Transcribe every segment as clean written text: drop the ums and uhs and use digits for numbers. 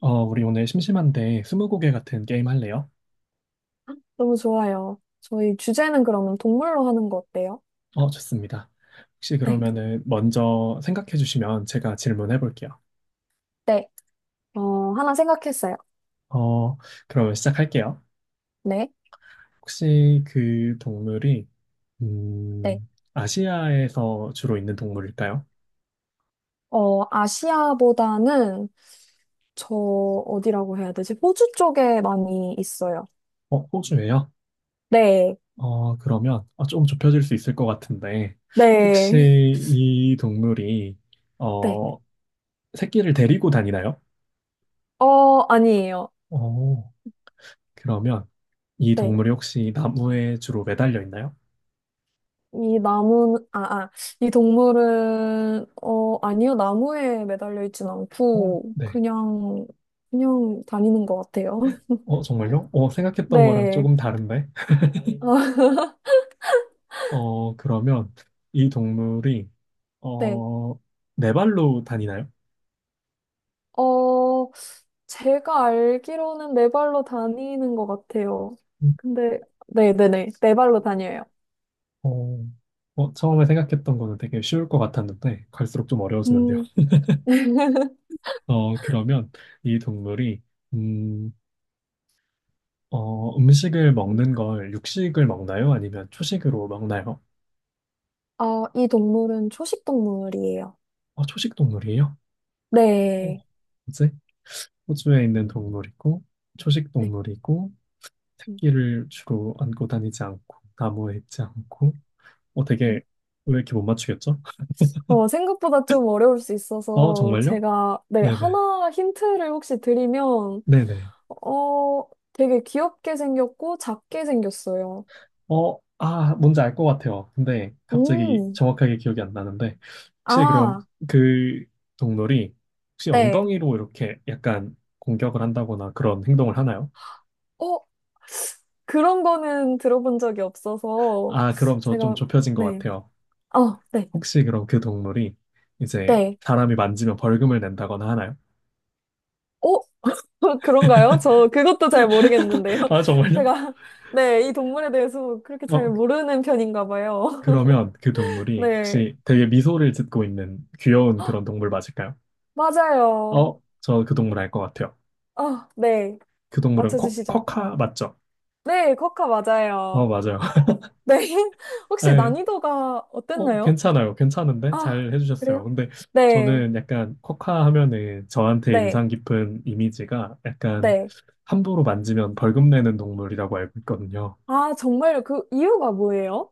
우리 오늘 심심한데 스무고개 같은 게임 할래요? 너무 좋아요. 저희 주제는 그러면 동물로 하는 거 어때요? 좋습니다. 혹시 네. 그러면은 먼저 생각해 주시면 제가 질문해 볼게요. 네. 하나 생각했어요. 어, 그러면 시작할게요. 네. 혹시 그 동물이 네. 음, 아시아에서 주로 있는 동물일까요? 아시아보다는 저 어디라고 해야 되지? 호주 쪽에 많이 있어요. 호주예요? 네. 그러면 좀 좁혀질 수 있을 것 같은데 혹시 네. 이 동물이 네. 어, 새끼를 데리고 다니나요? 아니에요. 어, 그러면 이 네. 동물이 혹시 나무에 주로 매달려 있나요? 이 나무, 아, 이 동물은, 아니요. 나무에 매달려 있진 않고, 네. 그냥, 그냥 다니는 것 같아요. 정말요? 생각했던 거랑 네. 조금 다른데? 그러면 이 동물이, 네. 어, 네 발로 다니나요? 어, 제가 알기로는 네 발로 다니는 것 같아요. 음. 근데, 네네네. 네 발로 다녀요. 어, 처음에 생각했던 거는 되게 쉬울 것 같았는데, 갈수록 좀 어려워지는데요. 음. 그러면 이 동물이, 음, 음식을 먹는 걸 육식을 먹나요? 아니면 초식으로 먹나요? 이 동물은 초식 동물이에요. 초식 동물이에요? 어, 네. 뭐지? 호주에 있는 동물이고, 초식 네. 동물이고, 새 음, 끼를 주로 안고 다니지 않고 나무에 있지 않고 네. 되게 왜 이렇게 못 맞추겠죠? 어, 생각보다 좀 어려울 수 있어서 정말요? 제가, 네, 네네 하나 힌트를 혹시 드리면, 네네 어, 되게 귀엽게 생겼고 작게 생겼어요. 아 뭔지 알 것 같아요. 근데 갑자기 음, 정확하게 기억이 안 나는데 혹시 그럼 아, 그 동물이 혹시 네. 엉덩이로 이렇게 약간 공격을 한다거나 그런 행동을 하나요? 어, 그런 거는 들어본 적이 없어서 아 그럼 저 좀 제가, 좁혀진 것 네. 같아요. 어, 네, 혹시 그럼 그 동물이 이제 네. 사람이 만지면 벌금을 낸다거나 하나요? 어? 그런가요? 저 그것도 잘 모르겠는데요. 아 정말요? 제가, 네, 이 동물에 대해서 그렇게 잘 어 모르는 편인가 봐요. 그러면 그 동물이 네, 혹시 되게 미소를 짓고 있는 귀여운 그런 동물 맞을까요? 맞아요. 저 그 동물 알 것 같아요. 아, 네. 그 동물은 코, 맞춰주시죠. 코카 맞죠? 네, 코카 맞아요. 맞아요. 네. 혹시 네. 난이도가 어땠나요? 괜찮아요. 괜찮은데? 아, 잘 해주셨어요. 그래요? 근데 네, 저는 약간 코카 하면은 저한테 네, 인상 깊은 이미지가 약간 네. 함부로 만지면 벌금 내는 동물이라고 알고 있거든요. 아, 정말 그 이유가 뭐예요?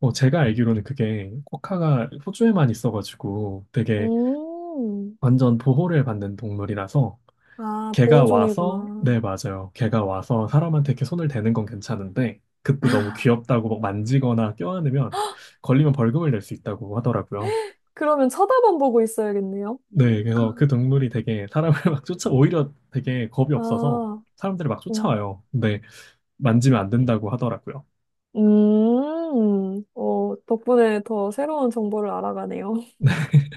제가 알기로는 그게 코카가 호주에만 있어가지고 되게 음, 완전 보호를 받는 동물이라서 아, 걔가 와서, 보호종이구나. 네, 맞아요. 걔가 와서 사람한테 이렇게 손을 대는 건 괜찮은데, 그때 너무 아, 귀엽다고 막 만지거나 껴안으면 걸리면 벌금을 낼 수 있다고 하더라고요. 그러면 쳐다만 보고 있어야겠네요. 네, 그래서 그 동물이 되게 사람을 막 쫓아, 오히려 되게 겁이 없어서 아, 사람들이 막 음, 쫓아와요. 근데 만지면 안 된다고 하더라고요. 덕분에 더 새로운 정보를 알아가네요.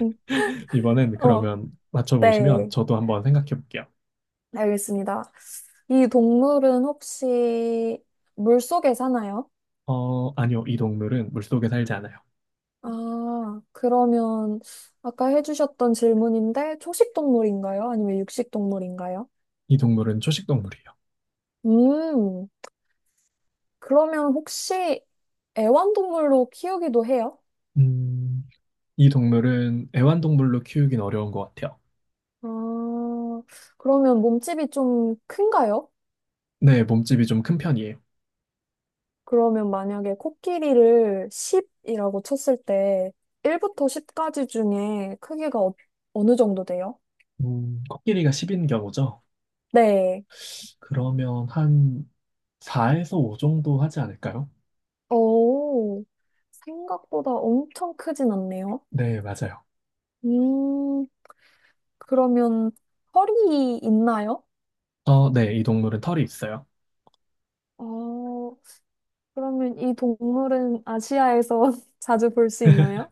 음, 이번엔 어, 그러면 맞춰보시면 네, 저도 한번 생각해 볼게요. 알겠습니다. 이 동물은 혹시 물속에 사나요? 아니요. 이 동물은 물속에 살지 않아요. 아, 그러면 아까 해주셨던 질문인데 초식 동물인가요? 아니면 육식 동물인가요? 이 동물은 초식 동물이에요. 음, 그러면 혹시 애완동물로 키우기도 해요? 음, 이 동물은 애완동물로 키우긴 어려운 것 같아요. 아, 그러면 몸집이 좀 큰가요? 네, 몸집이 좀 큰 편이에요. 그러면 만약에 코끼리를 10이라고 쳤을 때 1부터 10까지 중에 크기가 어느 정도 돼요? 코끼리가 10인 경우죠. 네. 그러면 한 4에서 5 정도 하지 않을까요? 오, 생각보다 엄청 크진 않네요. 네, 맞아요. 음, 그러면 허리 있나요? 네, 이 동물은 털이 있어요. 어, 그러면 이 동물은 아시아에서 자주 볼 수 있나요?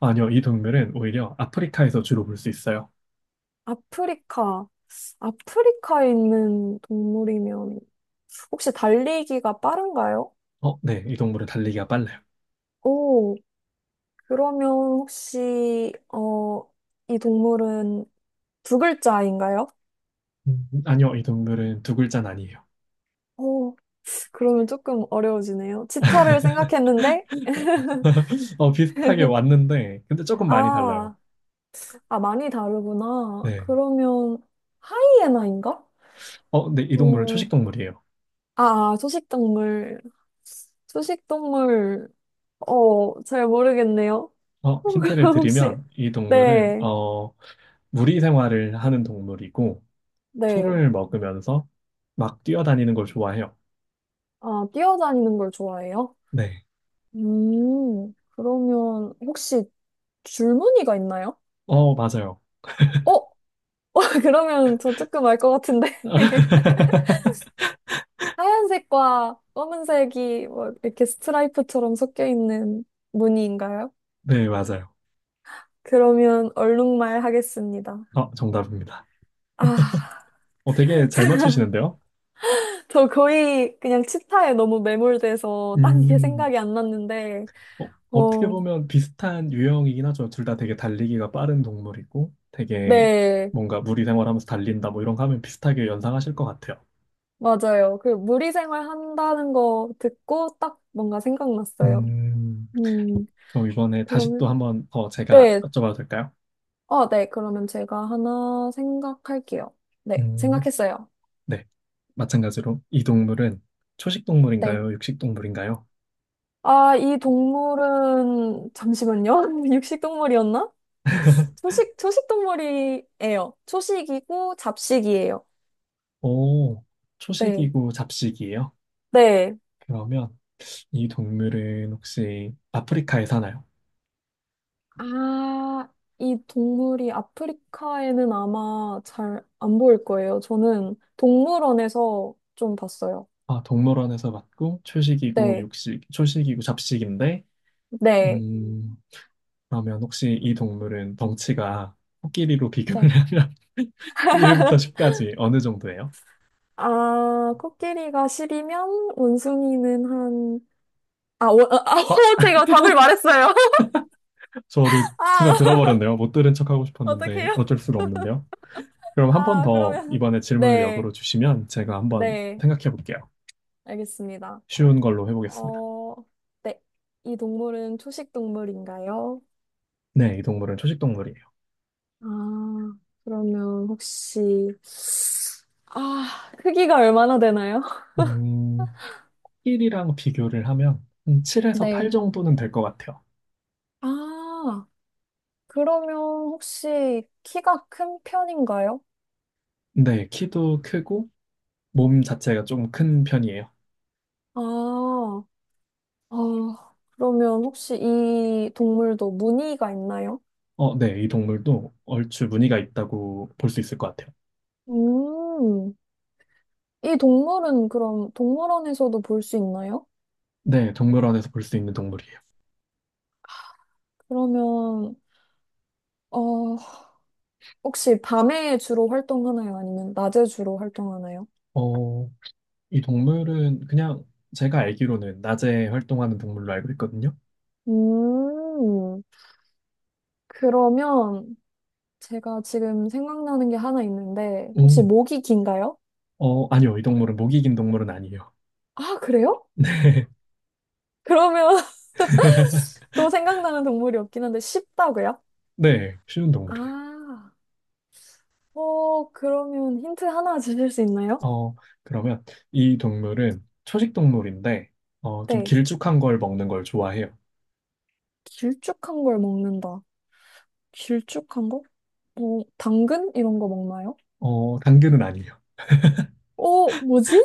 아니요, 이 동물은 오히려 아프리카에서 주로 볼 수 있어요. 아프리카. 아프리카에 있는 동물이면 혹시 달리기가 빠른가요? 네, 이 동물은 달리기가 빨라요. 오, 그러면 혹시, 어, 이 동물은 두 글자인가요? 아니요, 이 동물은 두 글자는 아니에요. 어, 그러면 조금 어려워지네요. 치타를 생각했는데, 비슷하게 왔는데, 근데 조금 많이 달라요. 아, 아, 많이 다르구나. 네. 그러면 하이에나인가? 근데 이 동물은 초식 어, 동물이에요. 아, 초식동물. 초식동물, 어, 잘 모르겠네요. 힌트를 혹시, 드리면, 이 동물은, 네, 무리 생활을 하는 동물이고, 네. 풀을 먹으면서 막 뛰어다니는 걸 좋아해요. 아, 뛰어다니는 걸 좋아해요? 네. 그러면 혹시 줄무늬가 있나요? 맞아요. 어? 그러면 저 조금 알 것 같은데. 하얀색과 검은색이 뭐 이렇게 스트라이프처럼 섞여 있는 무늬인가요? 네, 맞아요. 그러면 얼룩말 하겠습니다. 정답입니다. 아, 되게 잘 맞추시는데요? 저 거의 그냥 치타에 너무 매몰돼서 딴 게 음, 생각이 안 났는데, 어떻게 어, 보면 비슷한 유형이긴 하죠. 둘 다 되게 달리기가 빠른 동물이고, 되게 네, 뭔가 무리 생활하면서 달린다, 뭐 이런 거 하면 비슷하게 연상하실 것 같아요. 맞아요. 그 무리생활 한다는 거 듣고 딱 뭔가 생각났어요. 음, 음, 그럼 이번에 다시 또 그러면, 한번 더 제가 네. 여쭤봐도 될까요? 어, 네. 그러면 제가 하나 생각할게요. 네, 음, 생각했어요. 네. 마찬가지로 이 동물은 초식 네. 동물인가요? 육식 동물인가요? 이 동물은, 잠시만요. 육식 동물이었나? 초식 동물이에요. 초식이고 잡식이에요. 오, 네. 초식이고 잡식이에요? 네. 그러면 이 동물은 혹시 아프리카에 사나요? 아, 이 동물이 아프리카에는 아마 잘 안 보일 거예요. 저는 동물원에서 좀 봤어요. 아, 동물원에서 봤고 초식이고 네. 초식이고 잡식인데, 네. 음, 그러면 혹시 이 동물은 덩치가 코끼리로 비교를 네. 하면 1부터 10까지 어느 정도예요? 아, 코끼리가 십이면 원숭이는 한 아, 원, 아, 아, 어? 제가 답을 말했어요. 저도 아, 순간 들어버렸네요. 못 들은 척하고 싶었는데 어떡해요? 어쩔 수가 없는데요. 그럼 한 번 아, 더 그러면. 이번에 질문을 네, 역으로 주시면 제가 한번 네, 생각해 볼게요. 알겠습니다. 쉬운 걸로 해보겠습니다. 어, 네. 이 동물은 초식 동물인가요? 네, 이 동물은 초식 동물이에요. 아, 그러면 혹시, 크기가 얼마나 되나요? 음, 힐이랑 비교를 하면 한 7에서 8 네. 정도는 될 것 같아요. 아, 그러면 혹시 키가 큰 편인가요? 네, 키도 크고 몸 자체가 좀 큰 편이에요. 아, 어, 그러면 혹시 이 동물도 무늬가 있나요? 네, 이 동물도 얼추 무늬가 있다고 볼 수 있을 것 같아요. 음, 이 동물은 그럼 동물원에서도 볼 수 있나요? 네, 동물원에서 볼 수 있는 동물이에요. 그러면, 어, 혹시 밤에 주로 활동하나요? 아니면 낮에 주로 활동하나요? 어, 이 동물은 그냥 제가 알기로는 낮에 활동하는 동물로 알고 있거든요. 음, 그러면 제가 지금 생각나는 게 하나 있는데, 혹시 오. 목이 긴가요? 아니요, 이 동물은 목이 긴 동물은 아니에요. 아, 그래요? 그러면 또 생각나는 동물이 없긴 한데, 쉽다고요? 네, 쉬운 동물이에요. 아, 어, 그러면 힌트 하나 주실 수 있나요? 어, 그러면 이 동물은 초식 동물인데, 좀 네, 길쭉한 걸 먹는 걸 좋아해요. 길쭉한 걸 먹는다. 길쭉한 거? 뭐, 당근? 이런 거 먹나요? 당근은 아니에요. 오, 뭐지?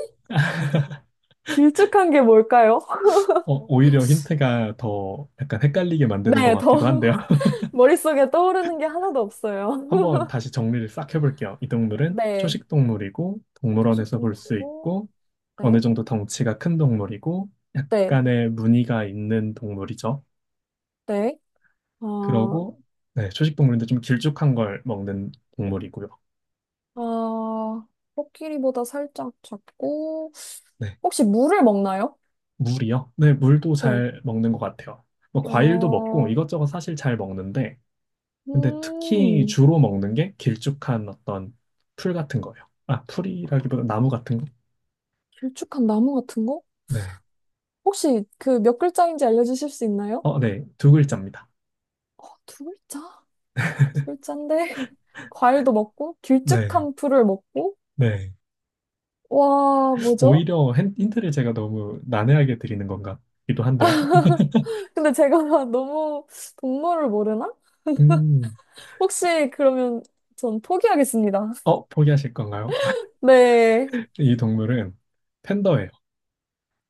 길쭉한 게 뭘까요? 오히려 힌트가 더 약간 헷갈리게 만드는 것 네, 더 같기도 한데요. 머릿속에 떠오르는 게 하나도 없어요. 한번 다시 정리를 싹 해볼게요. 이 동물은 네. 초식 동물이고, 초식 동물원에서 볼 수 동물이고, 있고, 어느 네, 정도 덩치가 큰 동물이고, 네, 약간의 무늬가 있는 동물이죠. 네. 아, 그러고, 네, 초식 동물인데 좀 길쭉한 걸 먹는 동물이고요. 아, 코끼리보다 살짝 작고, 네. 혹시 물을 먹나요? 물이요? 네, 물도 네. 잘 먹는 것 같아요. 뭐 과일도 아, 먹고 이것저것 사실 잘 먹는데, 근데 특히 음, 주로 먹는 게 길쭉한 어떤 풀 같은 거예요. 아, 풀이라기보다 나무 같은 거? 길쭉한 나무 같은 거? 네. 혹시 그 몇 글자인지 알려주실 수 있나요? 네. 두 글자입니다. 어, 두 글자? 풀잔인데 과일도 먹고 네. 길쭉한 풀을 먹고 네. 와 뭐죠? 오히려 힌트를 제가 너무 난해하게 드리는 건가? 기도 한데요. 근데 제가 너무 동물을 모르나? 음, 혹시 그러면 전 포기하겠습니다. 포기하실 건가요? 네. 이 동물은 팬더예요.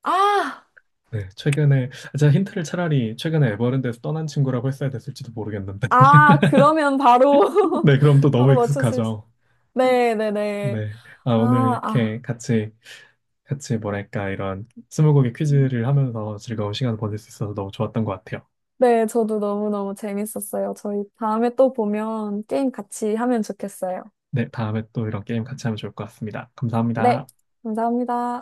아, 네, 최근에, 제가 힌트를 차라리 최근에 에버랜드에서 떠난 친구라고 했어야 됐을지도 모르겠는데. 아, 그러면 바로, 네, 그럼 또 너무 바로 맞췄을 수. 익숙하죠. 네네네. 네. 아, 오늘 아, 아. 이렇게 같이, 뭐랄까, 이런 스무고개 퀴즈를 하면서 즐거운 시간 을 보낼 수 있어서 너무 좋았던 것 같아요. 네, 저도 너무너무 재밌었어요. 저희 다음에 또 보면 게임 같이 하면 좋겠어요. 네, 다음에 또 이런 게임 같이 하면 좋을 것 같습니다. 네, 감사합니다. 감사합니다.